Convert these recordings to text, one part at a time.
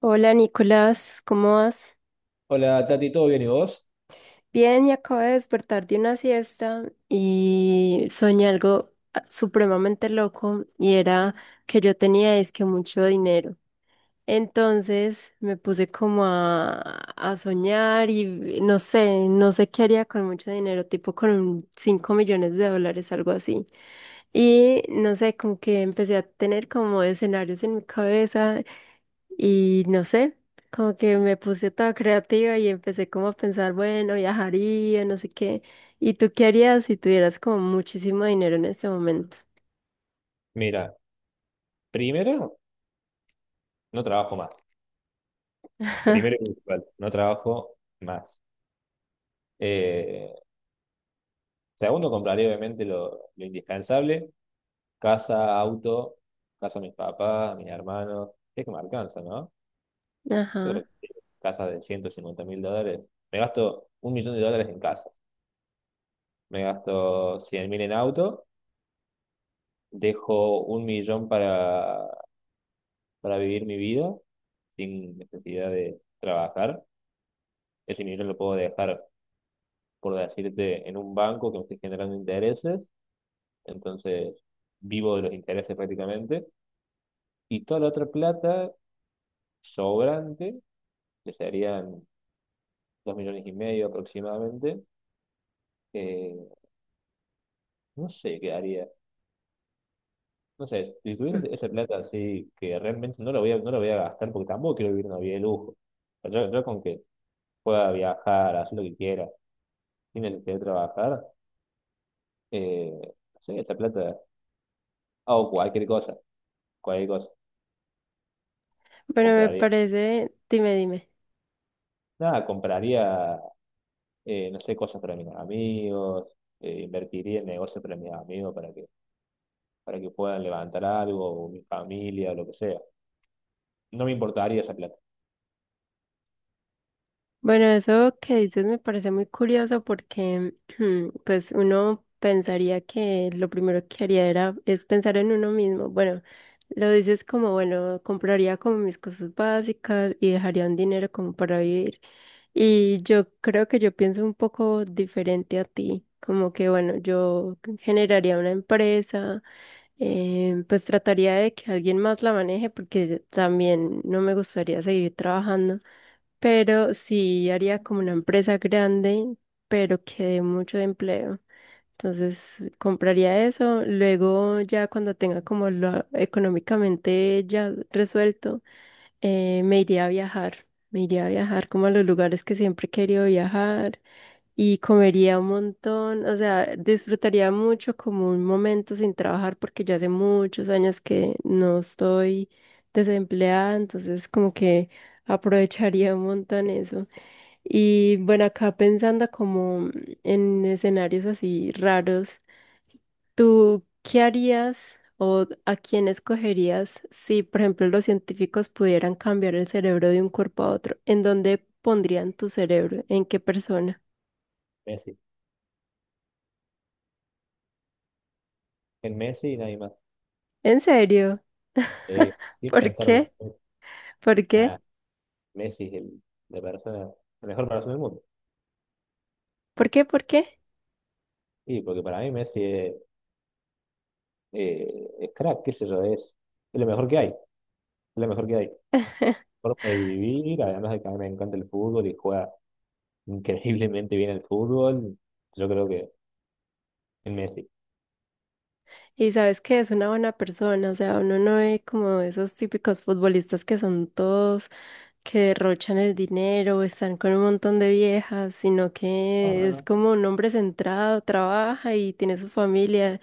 Hola Nicolás, ¿cómo vas? Hola, Tati, ¿todo bien y vos? Bien, me acabo de despertar de una siesta y soñé algo supremamente loco y era que yo tenía es que mucho dinero. Entonces me puse como a soñar y no sé, no sé qué haría con mucho dinero, tipo con 5 millones de dólares, algo así. Y no sé, como que empecé a tener como escenarios en mi cabeza. Y no sé, como que me puse toda creativa y empecé como a pensar, bueno, viajaría, no sé qué. ¿Y tú qué harías si tuvieras como muchísimo dinero en este momento? Mira, primero, no trabajo más. Primero y principal, no trabajo más. Eh, segundo, compraré obviamente lo indispensable. Casa, auto, casa a mis papás, a mis hermanos. Es que me alcanza, ¿no? Yo Ajá. creo que casa de 150 mil dólares. Me gasto un millón de dólares en casas. Me gasto 100 mil en auto. Dejo un millón para vivir mi vida sin necesidad de trabajar. Ese millón lo puedo dejar, por decirte, en un banco que me estoy generando intereses, entonces vivo de los intereses prácticamente, y toda la otra plata sobrante, que serían dos millones y medio aproximadamente, eh, no sé qué haría. No sé, si tuviese esa plata así, que realmente no la voy a gastar porque tampoco quiero vivir una vida de lujo. O sea, yo con que pueda viajar, hacer lo que quiera, sin necesidad de trabajar, eh, no sé, esa plata hago cualquier cosa, Bueno, me compraría. parece, dime, dime. Nada, compraría, no sé, cosas para mis amigos, invertiría en negocios para mis amigos para que puedan levantar algo, o mi familia, o lo que sea. No me importaría esa plata. Bueno, eso que dices me parece muy curioso porque pues uno pensaría que lo primero que haría era es pensar en uno mismo. Bueno, lo dices como, bueno, compraría como mis cosas básicas y dejaría un dinero como para vivir. Y yo creo que yo pienso un poco diferente a ti, como que, bueno, yo generaría una empresa, pues trataría de que alguien más la maneje porque también no me gustaría seguir trabajando. Pero sí haría como una empresa grande, pero que dé mucho empleo. Entonces compraría eso. Luego ya cuando tenga como lo económicamente ya resuelto, me iría a viajar. Me iría a viajar como a los lugares que siempre he querido viajar y comería un montón. O sea, disfrutaría mucho como un momento sin trabajar porque ya hace muchos años que no estoy desempleada. Entonces como que aprovecharía un montón eso. Y bueno, acá pensando como en escenarios así raros, ¿tú qué harías o a quién escogerías si, por ejemplo, los científicos pudieran cambiar el cerebro de un cuerpo a otro? ¿En dónde pondrían tu cerebro? ¿En qué persona? Messi. En Messi y nadie más. ¿En serio? Eh, sin ¿Por pensarlo. qué? ¿Por qué? Nah, Messi es la persona, la mejor persona del mundo. ¿Por qué? ¿Por qué? Sí, porque para mí Messi es crack, qué sé yo, es lo mejor que hay, es lo mejor que hay. Forma de vivir, además de que a mí me encanta el fútbol y juega increíblemente bien el fútbol, yo creo que es Messi. Y sabes que es una buena persona, o sea, uno no ve como esos típicos futbolistas que son todos que derrochan el dinero, están con un montón de viejas, sino No, que no, es no. como un hombre centrado, trabaja y tiene su familia,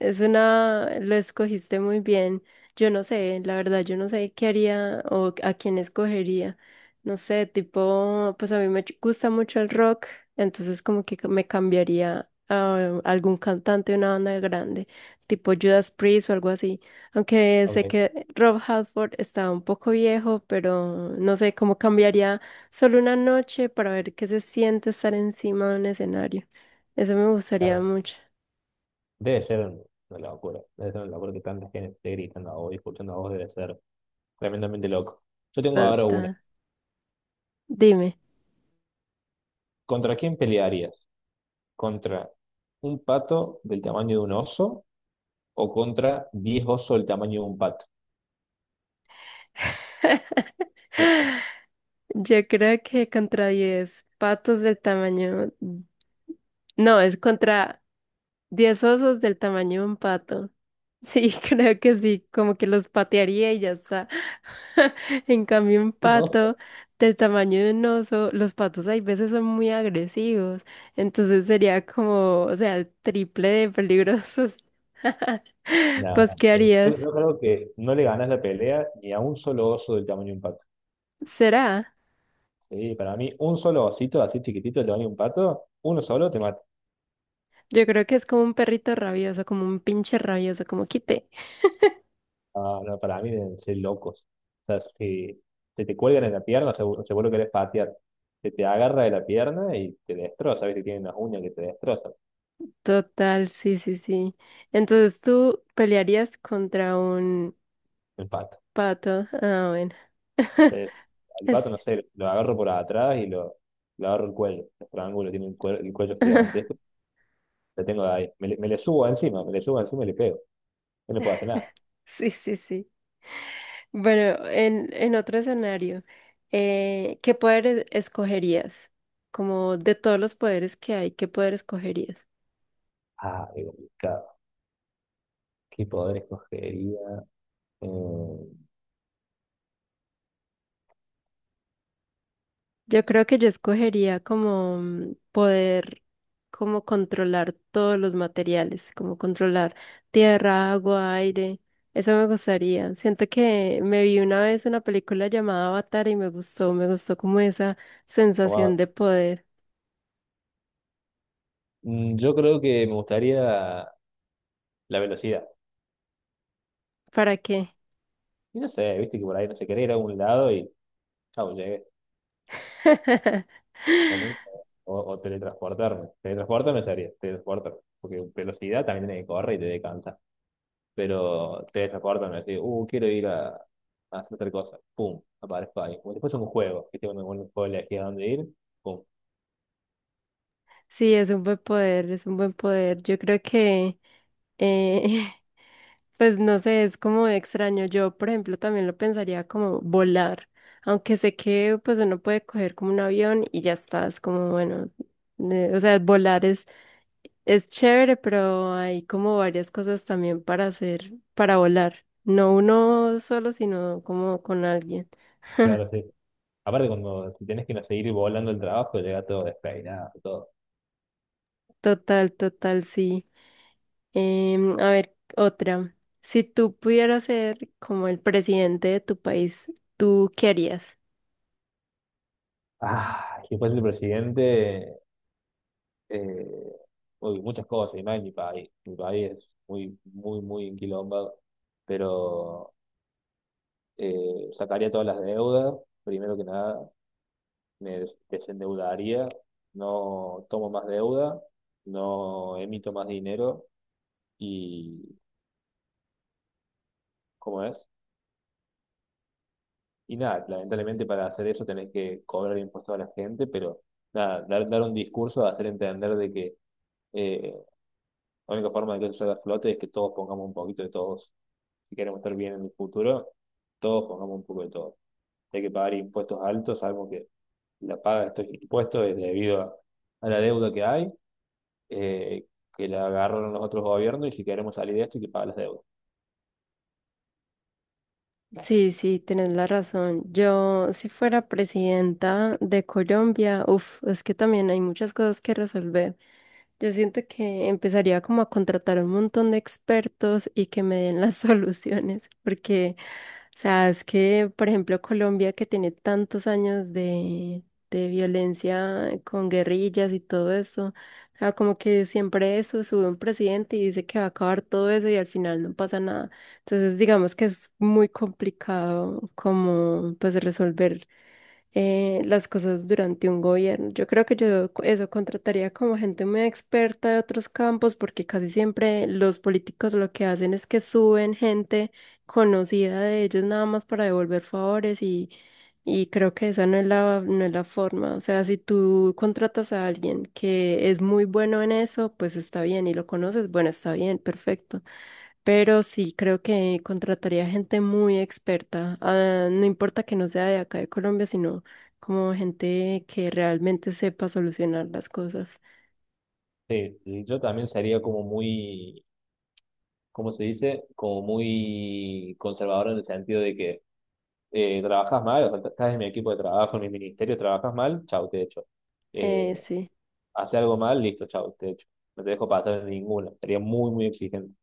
es una, lo escogiste muy bien. Yo no sé, la verdad, yo no sé qué haría o a quién escogería. No sé, tipo, pues a mí gusta mucho el rock, entonces como que me cambiaría a algún cantante de una banda grande, tipo Judas Priest o algo así. Aunque Ok, sé que Rob Halford está un poco viejo, pero no sé cómo cambiaría solo una noche para ver qué se siente estar encima de un escenario. Eso me gustaría claro. mucho. Debe ser una locura. Debe ser una locura que tanta gente esté gritando a vos y escuchando a vos, debe ser tremendamente loco. Yo tengo ahora una. Total. Dime. ¿Contra quién pelearías? ¿Contra un pato del tamaño de un oso o contra 10 osos del tamaño de un pato? Yo creo que contra 10 patos del tamaño... No, es contra 10 osos del tamaño de un pato. Sí, creo que sí, como que los patearía y ya está. En cambio, un ¿10 osos? pato del tamaño de un oso, los patos hay veces son muy agresivos, entonces sería como, o sea, el triple de peligrosos. Nada. ¿Vos qué Yo harías? yo creo que no le ganas la pelea ni a un solo oso del tamaño de un pato. ¿Será? Sí, para mí, un solo osito así chiquitito del tamaño de un pato, uno solo te mata. Yo creo que es como un perrito rabioso, como un pinche rabioso, como quite. No, no, para mí deben ser locos. O sea, si se te cuelgan en la pierna, seguro, seguro que eres patear. Se te agarra de la pierna y te destroza, ¿viste? Tienen unas uñas que te destrozan. Total, sí, sí, sí. Entonces tú pelearías contra un El pato. pato. Ah, bueno. Entonces, al pato, no Es- sé, lo agarro por atrás y lo agarro el cuello. El triángulo tiene el cuello gigantesco. Lo tengo ahí. Me le subo encima, me le subo encima y le pego. No le puedo hacer nada. Sí, sí, sí. Bueno, en otro escenario, ¿qué escogerías? Como de todos los poderes que hay, ¿qué poder escogerías? Ah, qué complicado. ¿Qué poder escogería? Eh, Yo creo que yo escogería como poder, como controlar todos los materiales, como controlar tierra, agua, aire. Eso me gustaría. Siento que me vi una vez una película llamada Avatar y me gustó como esa ¿Cómo sensación hago? de poder. Mm, yo creo que me gustaría la velocidad. ¿Para qué? Y no sé, viste que por ahí no se quería ir a algún lado y chau, llegué. En un- o teletransportarme. Teletransportarme sería, teletransportarme. Porque velocidad también tiene que correr y te descansa. Pero teletransportarme, así, quiero ir a hacer tal cosa. Pum, aparezco ahí. Como si fuese un juego, viste, cuando uno puede elegir a dónde ir, pum, Sí, es un buen poder, es un buen poder. Yo creo que eh, pues no sé, es como extraño. Yo, por ejemplo, también lo pensaría como volar, aunque sé que pues uno puede coger como un avión y ya está, es como bueno, o sea, volar es chévere, pero hay como varias cosas también para hacer, para volar. No uno solo, sino como con alguien. claro, sí. Aparte, cuando si tenés que no seguir volando el trabajo, llega todo despeinado, todo. Total, total, sí. A ver, otra. Si tú pudieras ser como el presidente de tu país, ¿tú qué harías? Ah, y después el presidente. eh, Uy, muchas cosas, y más en mi país. Mi país es muy, muy, muy enquilombado, pero sacaría todas las deudas, primero que nada, desendeudaría, no tomo más deuda, no emito más dinero y, ¿cómo es? Y nada, lamentablemente para hacer eso tenés que cobrar impuestos a la gente, pero nada, dar un discurso, hacer entender de que eh, la única forma de que eso salga a flote es que todos pongamos un poquito de todos si queremos estar bien en el futuro, todos pongamos un poco de todo. Si hay que pagar impuestos altos, sabemos que la paga de estos impuestos es debido a la deuda que hay, eh, que la agarraron los otros gobiernos, y si queremos salir de esto, hay que pagar las deudas. Sí, sí, tienes la razón. Yo, si fuera presidenta de Colombia, uff, es que también hay muchas cosas que resolver. Yo siento que empezaría como a contratar un montón de expertos y que me den las soluciones, porque o sea, es que, por ejemplo, Colombia, que tiene tantos años de violencia con guerrillas y todo eso, o sea, como que siempre eso, sube un presidente y dice que va a acabar todo eso y al final no pasa nada. Entonces, digamos que es muy complicado como, pues, resolver las cosas durante un gobierno. Yo creo que eso contrataría como gente muy experta de otros campos porque casi siempre los políticos lo que hacen es que suben gente conocida de ellos nada más para devolver favores y creo que esa no es la no es la forma. O sea, si tú contratas a alguien que es muy bueno en eso, pues está bien y lo conoces, bueno, está bien, perfecto. Pero sí, creo que contrataría gente muy experta, ah, no importa que no sea de acá de Colombia, sino como gente que realmente sepa solucionar las cosas. Sí, y yo también sería como muy, ¿cómo se dice? Como muy conservador en el sentido de que trabajas mal, o sea, estás en mi equipo de trabajo, en mi ministerio, trabajas mal, chau, te echo. Eh, Eh, sí, hace algo mal, listo, chau, te echo. No te dejo pasar en ninguna. Sería muy, muy exigente.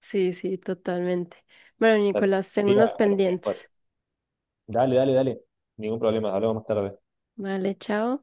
sí, sí, totalmente. Bueno, La Nicolás, tengo tía unos a los pendientes. mejores. Dale, dale, dale. Ningún problema, hablamos más tarde. Vale, chao.